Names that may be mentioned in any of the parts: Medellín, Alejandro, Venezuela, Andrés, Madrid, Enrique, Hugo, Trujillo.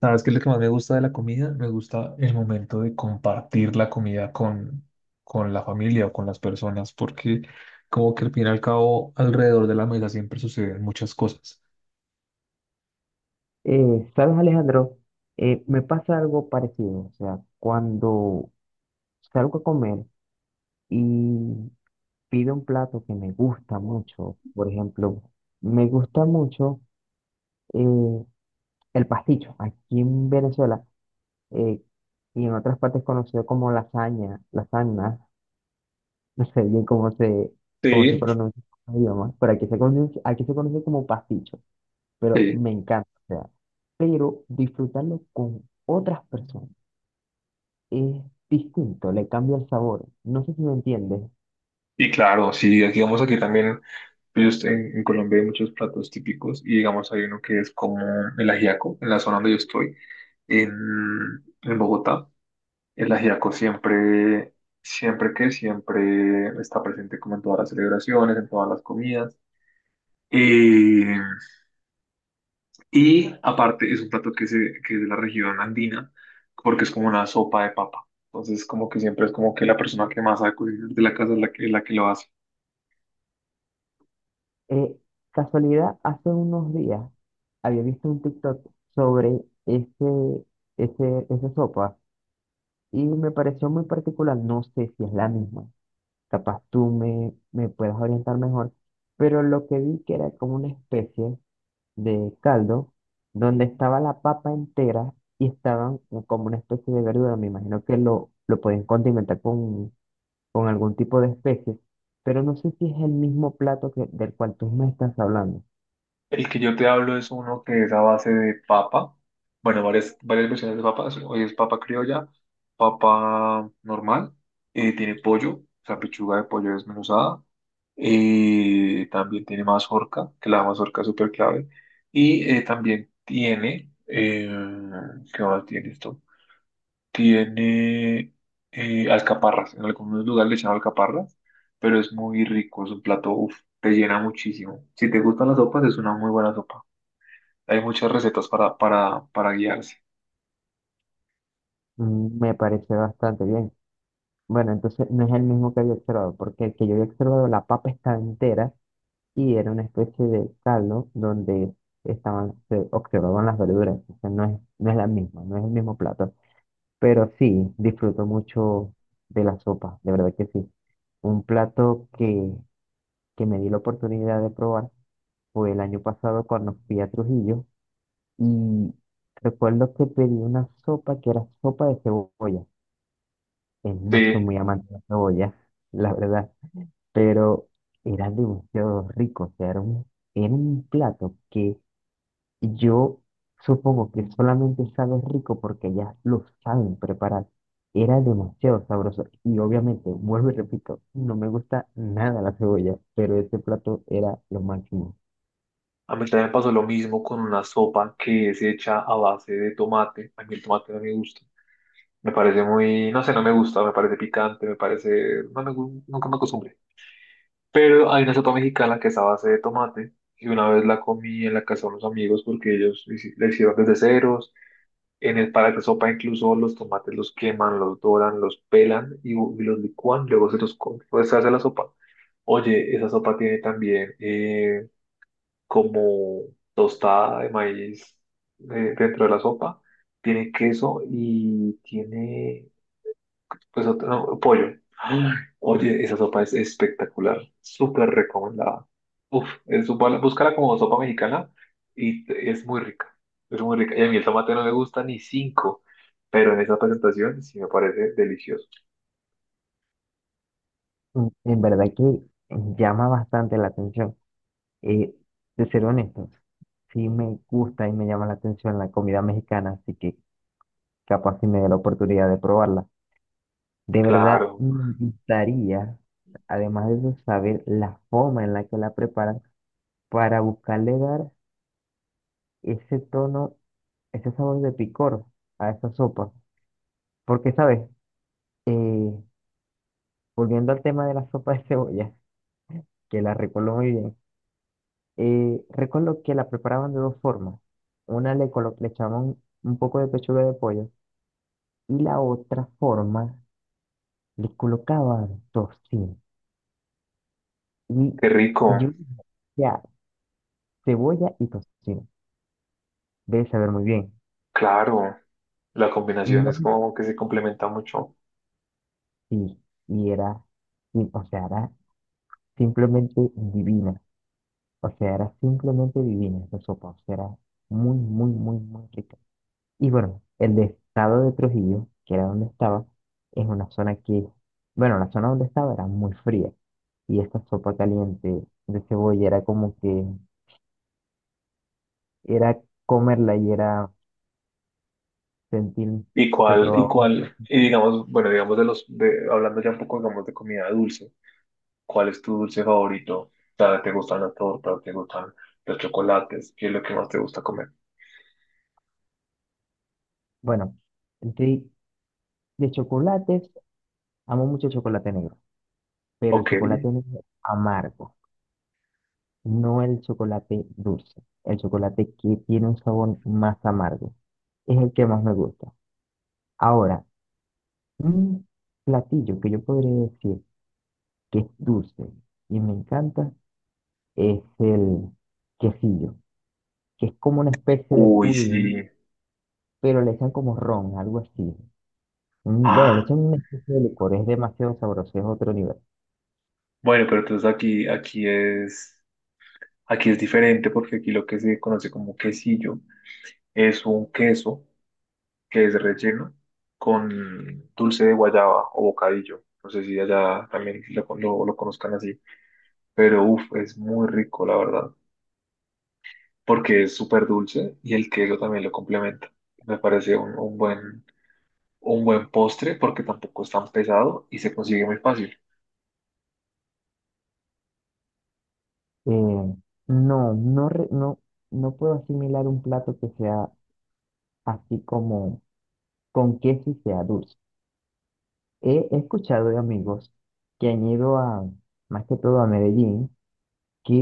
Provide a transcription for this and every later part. ¿Sabes qué es lo que más me gusta de la comida? Me gusta el momento de compartir la comida con la familia o con las personas, porque como que al fin y al cabo alrededor de la mesa siempre suceden muchas cosas. ¿Sabes, Alejandro? Me pasa algo parecido. O sea, cuando salgo a comer y pido un plato que me gusta mucho, por ejemplo, me gusta mucho eh, el pasticho. Aquí en Venezuela eh, y en otras partes conocido como lasaña, lasaña, no sé bien cómo se Sí, pronuncia en otros idiomas, pero aquí se conoce como pasticho, pero sí. me encanta. O sea, pero disfrutarlo con otras personas es distinto, le cambia el sabor. No sé si me entiendes. Y claro, sí, aquí vamos aquí también, pues, en Colombia hay muchos platos típicos y digamos hay uno que es como el ajiaco, en la zona donde yo estoy, en, en Bogotá. El ajiaco siempre está presente como en todas las celebraciones, en todas las comidas. Eh, y aparte es un plato que es de la región andina, porque es como una sopa de papa. Entonces, como que siempre es como que la persona que más sabe cocinar de la casa es la que lo hace. Eh, Casualidad, hace unos días había visto un TikTok sobre esa sopa y me pareció muy particular. No sé si es la misma. Capaz me puedas orientar mejor. Pero lo que vi que era como una especie de caldo donde estaba la papa entera y estaban como una especie de verdura. Me imagino que lo pueden condimentar con algún tipo de especies, pero no sé si es el mismo plato que, del cual tú me estás hablando. El que yo te hablo es uno que es a base de papa. Bueno, varias versiones de papa. Hoy es papa criolla, papa normal. Eh, tiene pollo, o sea, pechuga de pollo desmenuzada. Eh, también tiene mazorca, que la mazorca es súper clave. Y también tiene, ¿qué más tiene esto? Tiene alcaparras. En algunos lugares le echan alcaparras, pero es muy rico. Es un plato, uf, te llena muchísimo. Si te gustan las sopas, es una muy buena sopa. Hay muchas recetas para guiarse. Mm. Me parece bastante bien. Bueno, entonces no es el mismo que había observado, porque el que yo había observado, la papa estaba entera y era una especie de caldo donde estaban, se observaban las verduras. O sea, no es la misma, no es el mismo plato. Pero sí, disfruto mucho de la sopa, de verdad que sí. Un plato que me di la oportunidad de probar fue el año pasado cuando fui a Trujillo. Y recuerdo que pedí una sopa que era sopa de cebolla. No soy Sí, muy amante de la cebolla, la verdad, pero era demasiado rico. O sea, era un plato que yo supongo que solamente sabe rico porque ya lo saben preparar. Era demasiado sabroso. Y obviamente, vuelvo y repito, no me gusta nada la cebolla, pero ese plato era lo máximo. a mí también me pasó lo mismo con una sopa que es hecha a base de tomate. A mí el tomate no me gusta. Me parece muy, no sé, no me gusta, me parece picante, me parece, nunca me acostumbré. Pero hay una sopa mexicana que es a base de tomate y una vez la comí en la casa de unos amigos porque la hicieron desde ceros. En el para esta sopa incluso los tomates los queman, los doran, los pelan y los licúan, luego se los come, pues se hace la sopa. Oye, esa sopa tiene también como tostada de maíz dentro de la sopa, tiene queso y tiene pues otro, no, pollo. Oye, esa sopa es espectacular, súper recomendada. Uf, es sopa, búscala como sopa mexicana y es muy rica, es muy rica. Y a mí el tomate no me gusta ni cinco, pero en esa presentación sí me parece delicioso. En verdad que llama bastante la atención. Eh, de ser honesto, sí me gusta y me llama la atención la comida mexicana, así que capaz si me dé la oportunidad de probarla. De verdad, Claro, me gustaría, además de eso, saber la forma en la que la preparan para buscarle dar ese tono, ese sabor de picor a esa sopa. Porque, ¿sabes? Eh, Volviendo al tema de la sopa de cebolla, que la recuerdo muy bien, recuerdo que la preparaban de dos formas. Una le echaban un poco de pechuga de pollo y la otra forma le colocaba tocino. Y qué rico, yo, ya, cebolla y tocino. Debe saber muy bien. claro. La combinación No, es como que se complementa mucho. sí, y era, sí, o sea, era simplemente divina. O sea, era simplemente divina esa sopa. O sea, era muy, muy, muy, muy rica. Y bueno, el estado de Trujillo, que era donde estaba, es una zona que, bueno, la zona donde estaba era muy fría. Y esta sopa caliente de cebolla era como que era comerla y era sentir ¿Y que cuál, y probaba. cuál, y digamos, bueno, digamos hablando ya un poco, digamos, de comida dulce? ¿Cuál es tu dulce favorito? ¿Sabes? ¿Te gustan las tortas? ¿Te gustan los chocolates? ¿Qué es lo que más te gusta comer? Bueno, de, de chocolates, amo mucho el chocolate negro, pero el Ok. chocolate negro amargo, no el chocolate dulce, el chocolate que tiene un sabor más amargo, es el que más me gusta. Ahora, un platillo que yo podría decir que es dulce y me encanta es el quesillo, que es como una especie de Uy, pudín, sí. pero le echan como ron, algo así. Mm. Bueno, le Ah, echan una especie de licor, es demasiado sabroso, es otro nivel. bueno, pero entonces aquí es diferente porque aquí lo que se conoce como quesillo es un queso que es relleno con dulce de guayaba o bocadillo. No sé si allá también lo conozcan así, pero uff, es muy rico, la verdad. Porque es súper dulce y el queso también lo complementa. Me parece un buen postre porque tampoco es tan pesado y se consigue muy fácil. Eh, no, no, re- no, no puedo asimilar un plato que sea así como con queso y sea dulce. He escuchado de amigos que han ido a, más que todo a Medellín, que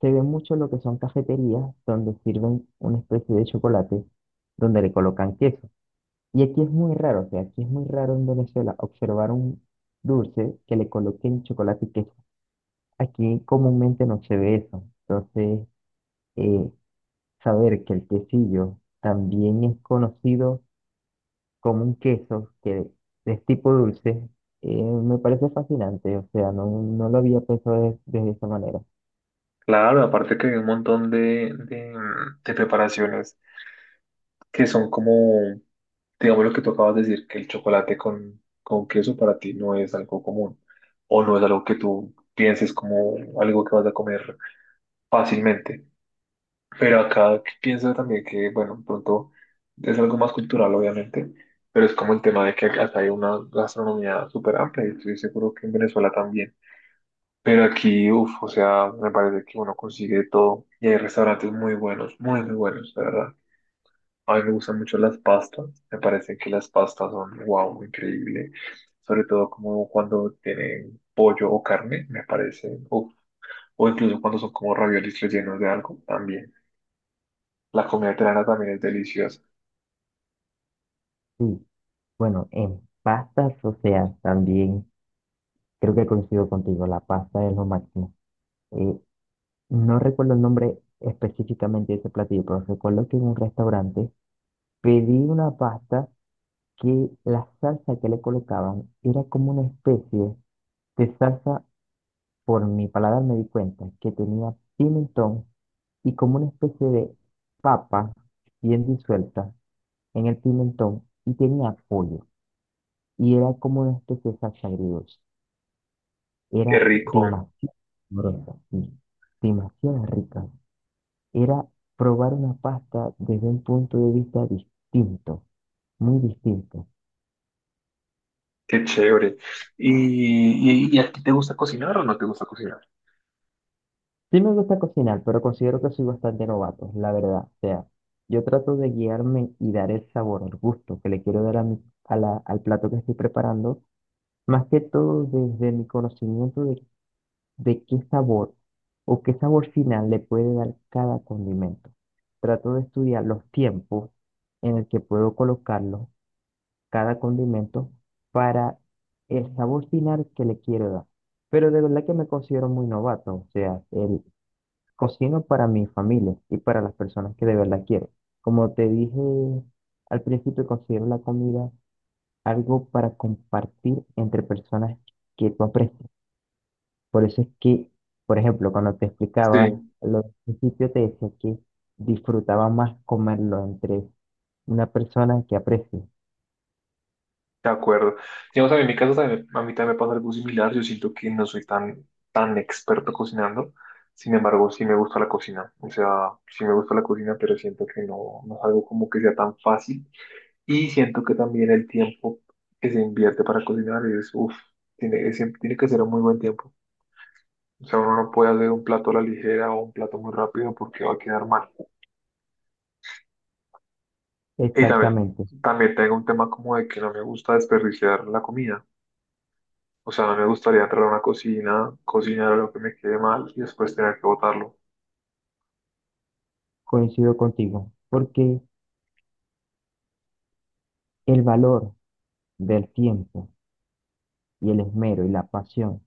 se ve mucho lo que son cafeterías donde sirven una especie de chocolate donde le colocan queso. Y aquí es muy raro, o sea, aquí es muy raro en Venezuela observar un dulce que le coloquen chocolate y queso. Aquí comúnmente no se ve eso. Entonces, eh, saber que el quesillo también es conocido como un queso que es tipo dulce, me parece fascinante. O sea, no, no lo había pensado de esa manera. Claro, aparte que hay un montón de preparaciones que son como, digamos lo que tú acabas de decir, que el chocolate con queso para ti no es algo común o no es algo que tú pienses como algo que vas a comer fácilmente. Pero acá pienso también que, bueno, pronto es algo más cultural, obviamente, pero es como el tema de que acá hay una gastronomía súper amplia y estoy seguro que en Venezuela también. Pero aquí, uff, o sea, me parece que uno consigue todo y hay restaurantes muy buenos, muy, muy buenos, de verdad. A mí me gustan mucho las pastas, me parece que las pastas son, wow, increíble. Sobre todo como cuando tienen pollo o carne, me parece, uff, o incluso cuando son como raviolis rellenos de algo, también. La comida italiana también es deliciosa. Sí, bueno, en pastas, o sea, también creo que coincido contigo, la pasta es lo máximo. Eh, no recuerdo el nombre específicamente de ese platillo, pero recuerdo que en un restaurante pedí una pasta, que la salsa que le colocaban era como una especie de salsa, por mi paladar me di cuenta, que tenía pimentón y como una especie de papa bien disuelta en el pimentón y tenía pollo. Y era como una especie de salsa agridulce. Qué Era rico, demasiado gruesa, sí, demasiado rica. Era probar una pasta desde un punto de vista distinto, muy distinto. qué chévere. ¿Y a ti te gusta cocinar o no te gusta cocinar? Sí me gusta cocinar, pero considero que soy bastante novato, la verdad. O sea, yo trato de guiarme y dar el sabor, el gusto que le quiero dar a al plato que estoy preparando, más que todo desde mi conocimiento de qué sabor o qué sabor final le puede dar cada condimento. Trato de estudiar los tiempos en el que puedo colocarlo, cada condimento, para el sabor final que le quiero dar. Pero de verdad que me considero muy novato, o sea, el cocino para mi familia y para las personas que de verdad quiero. Como te dije al principio, considero la comida algo para compartir entre personas que tú aprecias. Por eso es que, por ejemplo, cuando te Sí, explicaba lo del principio, te decía que disfrutaba más comerlo entre una persona que aprecio. de acuerdo. Digamos, a mí en mi casa también, a mí también me pasa algo similar. Yo siento que no soy tan experto cocinando. Sin embargo, sí me gusta la cocina. O sea, sí me gusta la cocina, pero siento que no, no es algo como que sea tan fácil. Y siento que también el tiempo que se invierte para cocinar es, uff, tiene que ser un muy buen tiempo. O sea, uno no puede hacer un plato a la ligera o un plato muy rápido porque va a quedar mal. Y también, Exactamente, también tengo un tema como de que no me gusta desperdiciar la comida. O sea, no me gustaría entrar a una cocina, cocinar algo que me quede mal y después tener que botarlo. coincido contigo, porque el valor del tiempo y el esmero y la pasión.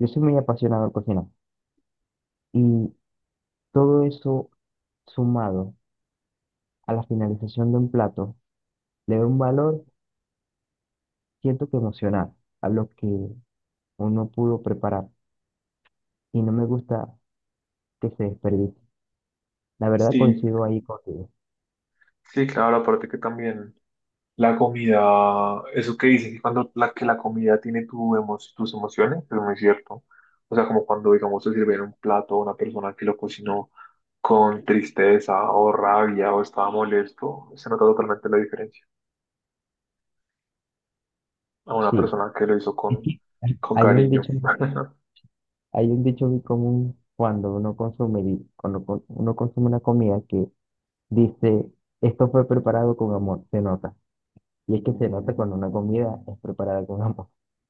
Yo soy muy apasionado al cocinar. Y todo eso sumado a la finalización de un plato le da un valor, siento que emocional, a lo que uno pudo preparar y no me gusta que se desperdicie. La verdad Sí, coincido ahí contigo. sí, claro, aparte que también. La comida, eso que dicen que cuando la comida tiene tus emociones, es muy cierto. O sea, como cuando, digamos, se sirve en un plato a una persona que lo cocinó con tristeza o rabia o estaba molesto, se nota totalmente la diferencia a una Sí, persona que lo hizo es que con hay un cariño. dicho, hay un dicho muy común cuando uno consume, uno consume una comida que dice, esto fue preparado con amor, se nota. Y es que se nota cuando una comida es preparada con amor.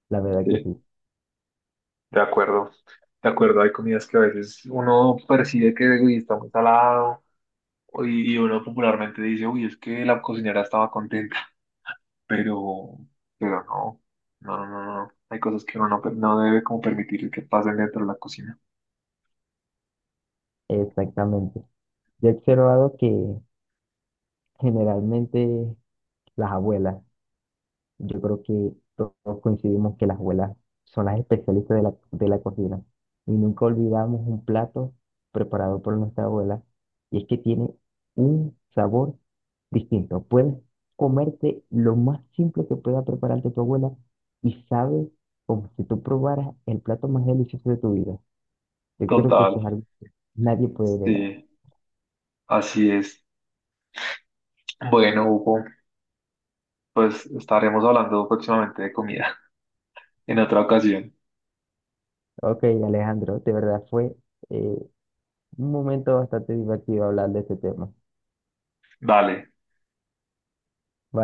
La verdad que Sí, sí, de acuerdo. De acuerdo, hay comidas que a veces uno percibe que uy, está muy salado y uno popularmente dice, uy, es que la cocinera estaba contenta, pero, pero no, no, no, no, no. Hay cosas que uno no, per- no debe como permitir que pasen dentro de la cocina. exactamente. Yo he observado que generalmente las abuelas, yo creo que todos coincidimos que las abuelas son las especialistas de de la cocina y nunca olvidamos un plato preparado por nuestra abuela y es que tiene un sabor distinto. Puedes comerte lo más simple que pueda prepararte tu abuela y sabe como si tú probaras el plato más delicioso de tu vida. Yo creo que Total, eso es algo que nadie puede negar. sí, así es. Bueno, Hugo, pues estaremos hablando próximamente de comida en otra ocasión. Ok, Alejandro, de verdad fue eh, un momento bastante divertido hablar de este tema. Dale. Vale.